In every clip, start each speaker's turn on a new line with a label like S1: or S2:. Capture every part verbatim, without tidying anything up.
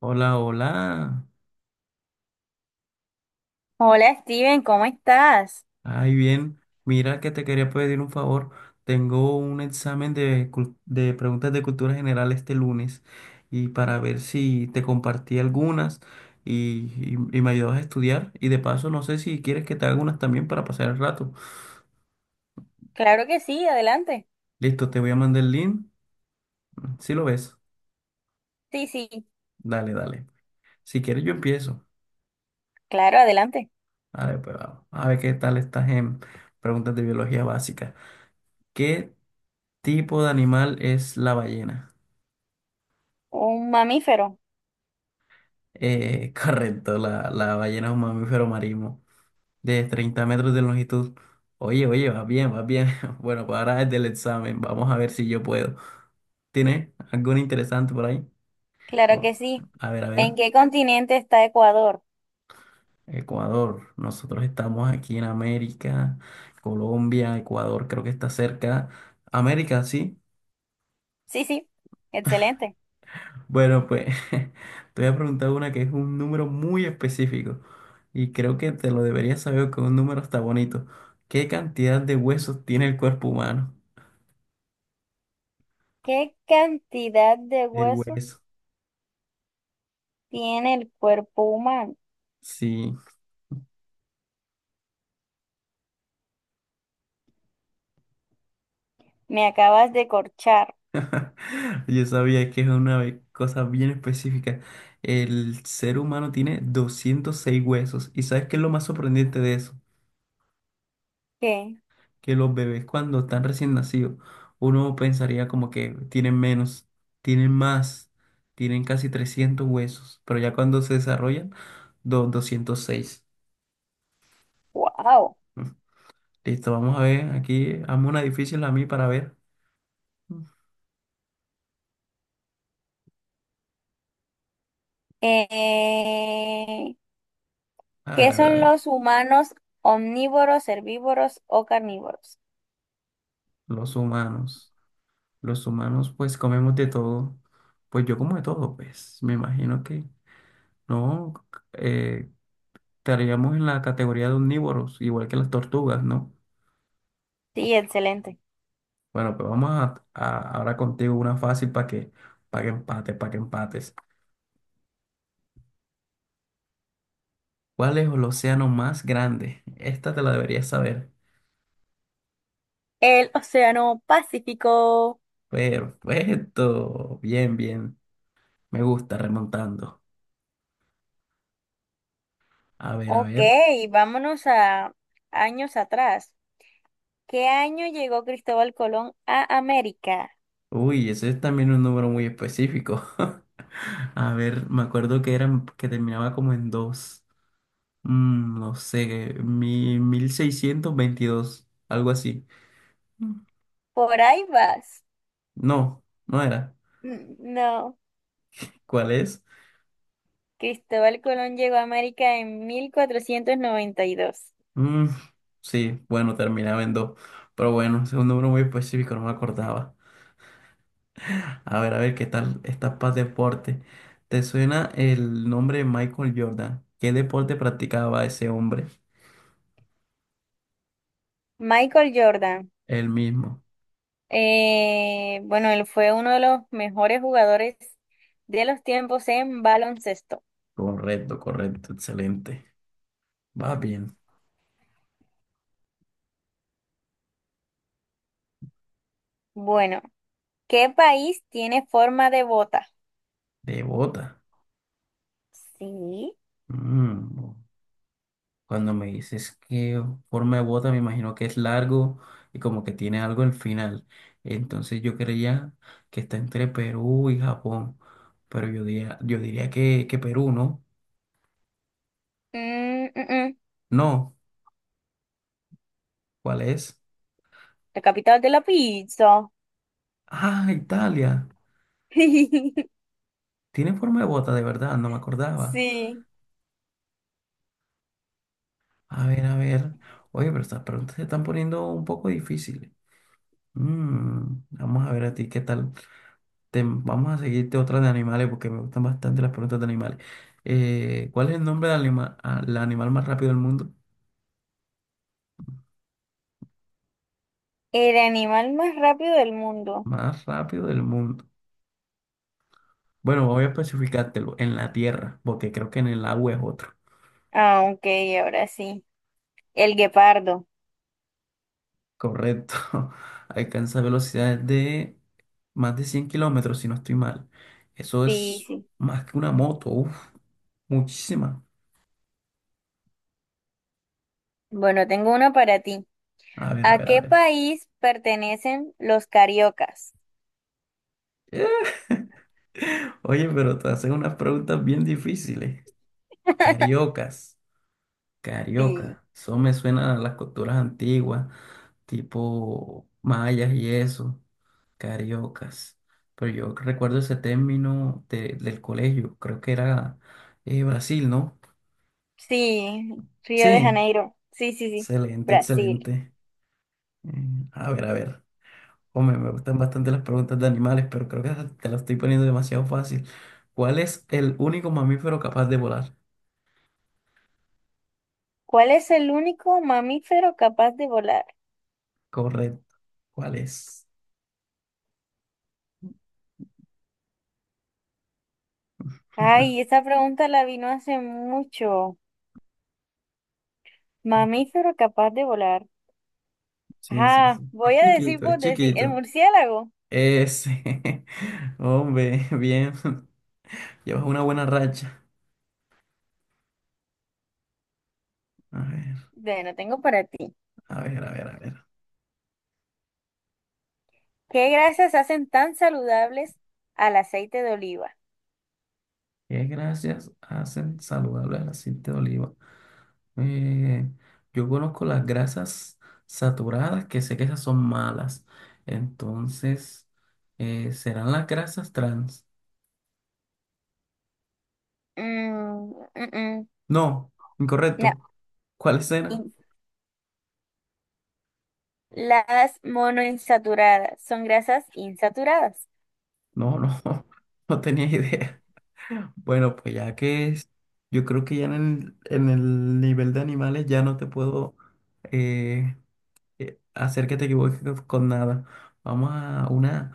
S1: Hola, hola.
S2: Hola Steven, ¿cómo estás?
S1: Ay, bien. Mira que te quería pedir un favor. Tengo un examen de, cul- de preguntas de cultura general este lunes y para ver si te compartí algunas y, y- y me ayudas a estudiar. Y de paso, no sé si quieres que te haga unas también para pasar el rato.
S2: Claro que sí, adelante.
S1: Listo, te voy a mandar el link. ¿Si lo ves?
S2: Sí, sí,
S1: Dale, dale. Si quieres, yo empiezo.
S2: claro, adelante.
S1: A ver, pues vamos. A ver qué tal estás en preguntas de biología básica. ¿Qué tipo de animal es la ballena?
S2: Un mamífero,
S1: Eh, correcto, la, la ballena es un mamífero marino de treinta metros de longitud. Oye, oye, va bien, va bien. Bueno, pues ahora es del examen. Vamos a ver si yo puedo. ¿Tiene algo interesante por ahí?
S2: claro que
S1: Oh,
S2: sí.
S1: a ver, a
S2: ¿En
S1: ver.
S2: qué continente está Ecuador?
S1: Ecuador. Nosotros estamos aquí en América. Colombia, Ecuador, creo que está cerca. América, sí.
S2: Sí, sí, excelente.
S1: Bueno, pues te voy a preguntar una que es un número muy específico y creo que te lo deberías saber que un número está bonito. ¿Qué cantidad de huesos tiene el cuerpo humano?
S2: ¿Qué cantidad de
S1: De
S2: huesos
S1: huesos.
S2: tiene el cuerpo humano?
S1: Sí.
S2: Me acabas de corchar.
S1: Yo sabía que es una ve- cosa bien específica. El ser humano tiene doscientos seis huesos y ¿sabes qué es lo más sorprendente de eso?
S2: ¿Qué?
S1: Que los bebés cuando están recién nacidos, uno pensaría como que tienen menos, tienen más, tienen casi trescientos huesos, pero ya cuando se desarrollan, do- doscientos seis.
S2: ¡Wow!
S1: Mm. Listo, vamos a ver, aquí hazme una difícil a mí para ver. Mm.
S2: Eh,
S1: A
S2: ¿qué
S1: ver, a ver, a
S2: son
S1: ver.
S2: los humanos omnívoros, herbívoros o carnívoros?
S1: Los humanos, los humanos pues comemos de todo, pues yo como de todo, pues me imagino que no, eh, estaríamos en la categoría de omnívoros, igual que las tortugas, ¿no?
S2: Sí, excelente.
S1: Bueno, pues vamos a, a- ahora contigo una fácil para que, para que empate, para que empates. ¿Cuál es el océano más grande? Esta te la deberías saber.
S2: El Océano Pacífico.
S1: Perfecto. Bien, bien. Me gusta remontando. A ver, a
S2: Ok,
S1: ver.
S2: vámonos a años atrás. ¿Qué año llegó Cristóbal Colón a América?
S1: Uy, ese es también un número muy específico. A ver, me acuerdo que eran, que terminaba como en dos. Mm, no sé, mi, mil seiscientos veintidós algo así. Mm.
S2: Por ahí vas.
S1: No, no era.
S2: Mm, no,
S1: ¿Cuál es?
S2: Cristóbal Colón llegó a América en mil cuatrocientos noventa y dos.
S1: Mm, sí, bueno, terminaba en dos. Pero bueno, es un número muy específico, no me acordaba. A ver, a ver, ¿qué tal esta paz deporte? ¿Te suena el nombre de Michael Jordan? ¿Qué deporte practicaba ese hombre?
S2: Michael Jordan,
S1: El mismo.
S2: eh, bueno, él fue uno de los mejores jugadores de los tiempos en baloncesto.
S1: Correcto, correcto, excelente. Va bien.
S2: Bueno, ¿qué país tiene forma de bota?
S1: Devota.
S2: Sí.
S1: Mm, cuando me dices que forma de bota, me imagino que es largo y como que tiene algo al final. Entonces yo creía que está entre Perú y Japón, pero yo diría, yo diría que, que Perú, ¿no?
S2: Mm, mm, mm,
S1: No, ¿cuál es?
S2: la capital de la pizza.
S1: Ah, Italia. Tiene forma de bota, de verdad, no me acordaba.
S2: Sí,
S1: A ver, a ver. Oye, pero estas preguntas se están poniendo un poco difíciles. Mm, vamos a ver a ti qué tal. Te- vamos a seguirte otra de animales porque me gustan bastante las preguntas de animales. Eh, ¿cuál es el nombre del anima- al animal más rápido del mundo?
S2: el animal más rápido del mundo.
S1: Más rápido del mundo. Bueno, voy a especificártelo en la tierra, porque creo que en el agua es otro.
S2: Ah, ok, ahora sí. El guepardo.
S1: Correcto. Alcanza velocidades de más de cien kilómetros, si no estoy mal. Eso
S2: Sí,
S1: es
S2: sí.
S1: más que una moto. Uf, muchísima.
S2: Bueno, tengo una para ti.
S1: A ver, a
S2: ¿A
S1: ver, a
S2: qué
S1: ver.
S2: país pertenecen los cariocas?
S1: Oye, pero te hacen unas preguntas bien difíciles. Cariocas.
S2: Sí,
S1: Carioca. Eso me suena a las culturas antiguas, tipo mayas y eso. Cariocas. Pero yo recuerdo ese término de- del colegio. Creo que era eh, Brasil, ¿no?
S2: sí, Río de
S1: Sí.
S2: Janeiro. Sí, sí, sí,
S1: Excelente,
S2: Brasil.
S1: excelente. Mm, a ver, a ver. Hombre, me gustan bastante las preguntas de animales, pero creo que te las estoy poniendo demasiado fácil. ¿Cuál es el único mamífero capaz de volar?
S2: ¿Cuál es el único mamífero capaz de volar?
S1: Correcto. ¿Cuál es?
S2: Ay, esa pregunta la vino hace mucho. Mamífero capaz de volar.
S1: Sí, sí,
S2: Ah,
S1: sí.
S2: voy
S1: Es
S2: a decir
S1: chiquito, es
S2: por decir, el
S1: chiquito.
S2: murciélago.
S1: Ese. Hombre, bien. Llevas una buena racha. A ver,
S2: Bueno, tengo para ti.
S1: a ver, a ver, a ver.
S2: ¿Qué grasas hacen tan saludables al aceite de oliva?
S1: ¿Qué gracias hacen saludable el aceite de oliva? Eh, yo conozco las grasas saturadas, que sé que esas son malas. Entonces, eh, ¿serán las grasas trans?
S2: Mm, mm, mm,
S1: No,
S2: no.
S1: incorrecto. ¿Cuáles eran?
S2: In- Las monoinsaturadas son grasas insaturadas.
S1: No, no, no tenía idea. Bueno, pues ya que es, yo creo que ya en el, en el nivel de animales ya no te puedo eh, eh, hacer que te equivoques con nada. Vamos a una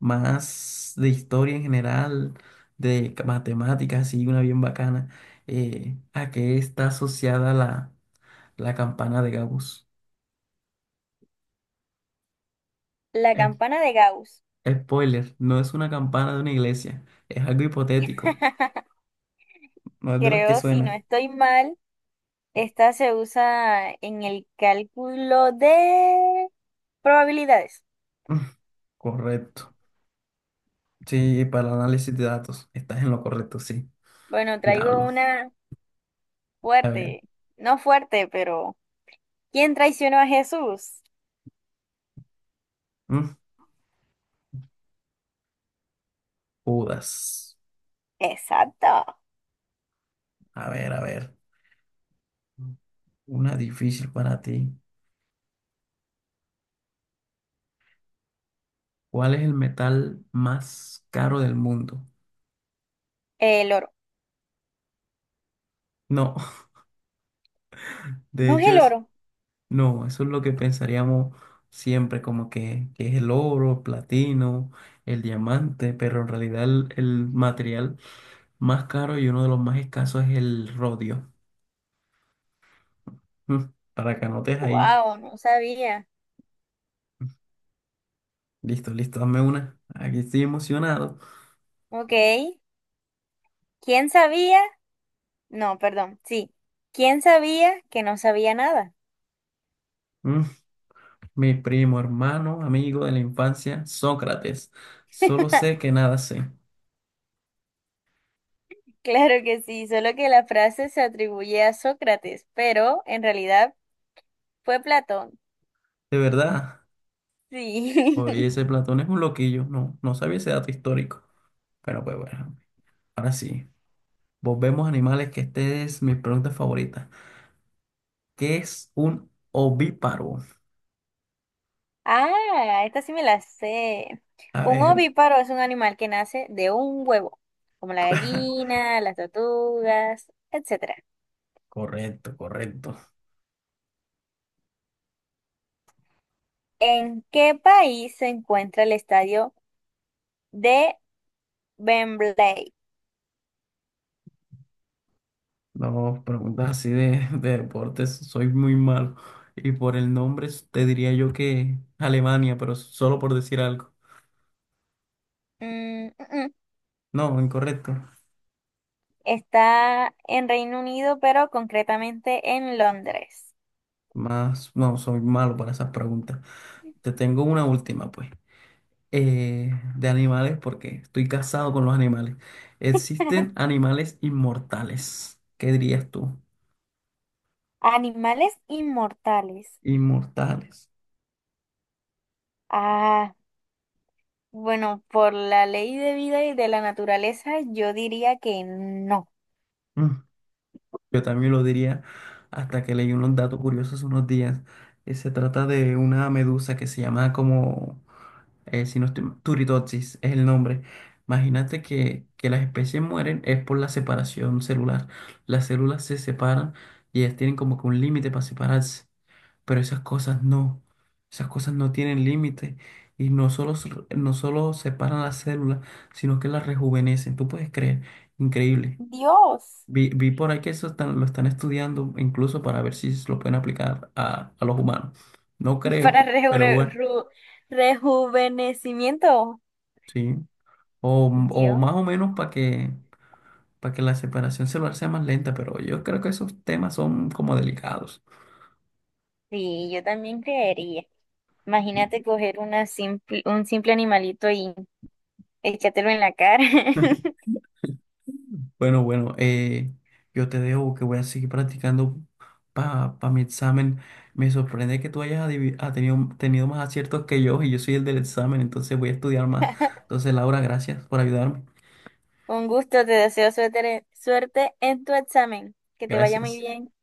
S1: más de historia en general, de ca- matemáticas, así, una bien bacana. Eh, ¿a qué está asociada la, la campana de Gauss?
S2: La
S1: Es-
S2: campana de Gauss.
S1: Spoiler, no es una campana de una iglesia, es algo hipotético, no es de las que
S2: Creo, si no
S1: suena.
S2: estoy mal, esta se usa en el cálculo de probabilidades.
S1: Correcto. Sí, para el análisis de datos. Estás en lo correcto, sí.
S2: Bueno, traigo
S1: Diablo.
S2: una
S1: A ver.
S2: fuerte, no fuerte, pero ¿quién traicionó a Jesús?
S1: Mm, Judas.
S2: Exacto,
S1: A ver, a ver. Una difícil para ti. ¿Cuál es el metal más caro del mundo?
S2: el oro.
S1: No, de
S2: No es
S1: hecho
S2: el
S1: es,
S2: oro.
S1: no, eso es lo que pensaríamos siempre, como que, que es el oro, el platino, el diamante, pero en realidad el, el material más caro y uno de los más escasos es el rodio. Mm, para que anotes ahí.
S2: Wow, no sabía.
S1: Listo, listo, dame una. Aquí estoy emocionado.
S2: Ok. ¿Quién sabía? No, perdón, sí. ¿Quién sabía que no sabía nada?
S1: Mm, mi primo, hermano, amigo de la infancia, Sócrates. Solo sé que nada sé.
S2: Claro que sí, solo que la frase se atribuye a Sócrates, pero en realidad fue Platón.
S1: De verdad.
S2: Sí.
S1: Oye, ese Platón es un loquillo. No, no sabía ese dato histórico. Pero pues bueno, ahora sí. Volvemos a animales, que esta es mi pregunta favorita. ¿Qué es un ovíparo?
S2: Ah, esta sí me la sé.
S1: A
S2: Un
S1: ver.
S2: ovíparo es un animal que nace de un huevo, como la gallina, las tortugas, etcétera.
S1: Correcto, correcto.
S2: ¿En qué país se encuentra el estadio de Wembley?
S1: No, preguntas así de, de deportes, soy muy malo. Y por el nombre te diría yo que Alemania, pero solo por decir algo.
S2: Mm, mm,
S1: No, incorrecto.
S2: está en Reino Unido, pero concretamente en Londres.
S1: Más, no, soy malo para esas preguntas. Te tengo una última, pues. Eh, de animales, porque estoy casado con los animales. ¿Existen animales inmortales? ¿Qué dirías tú?
S2: Animales inmortales.
S1: Inmortales.
S2: Ah, bueno, por la ley de vida y de la naturaleza, yo diría que no.
S1: Mm, yo también lo diría hasta que leí unos datos curiosos unos días. Eh, se trata de una medusa que se llama como eh, si no estoy mal, Turritopsis es el nombre. Imagínate que, que las especies mueren es por la separación celular. Las células se separan y ellas tienen como que un límite para separarse. Pero esas cosas no. Esas cosas no tienen límite. Y no solo, se- no solo separan las células, sino que las rejuvenecen. Tú puedes creer. Increíble.
S2: Dios.
S1: Vi, vi por ahí que eso están- lo están estudiando incluso para ver si lo pueden aplicar a, a los humanos. No
S2: Para
S1: creo, pero
S2: rejuve-
S1: bueno,
S2: ru- rejuvenecimiento.
S1: sí. O, o
S2: Dios.
S1: más o menos para que, para que la separación celular sea más lenta, pero yo creo que esos temas son como delicados.
S2: Sí, yo también creería. Imagínate coger una simple, un simple animalito y échatelo en la cara.
S1: Bueno, bueno, eh, yo te dejo que voy a seguir practicando para mi examen. Me sorprende que tú hayas adivi- ha tenido, tenido más aciertos que yo y yo soy el del examen, entonces voy a estudiar más. Entonces, Laura, gracias por ayudarme.
S2: Un gusto, te deseo suerte, suerte en tu examen. Que te vaya muy
S1: Gracias.
S2: bien.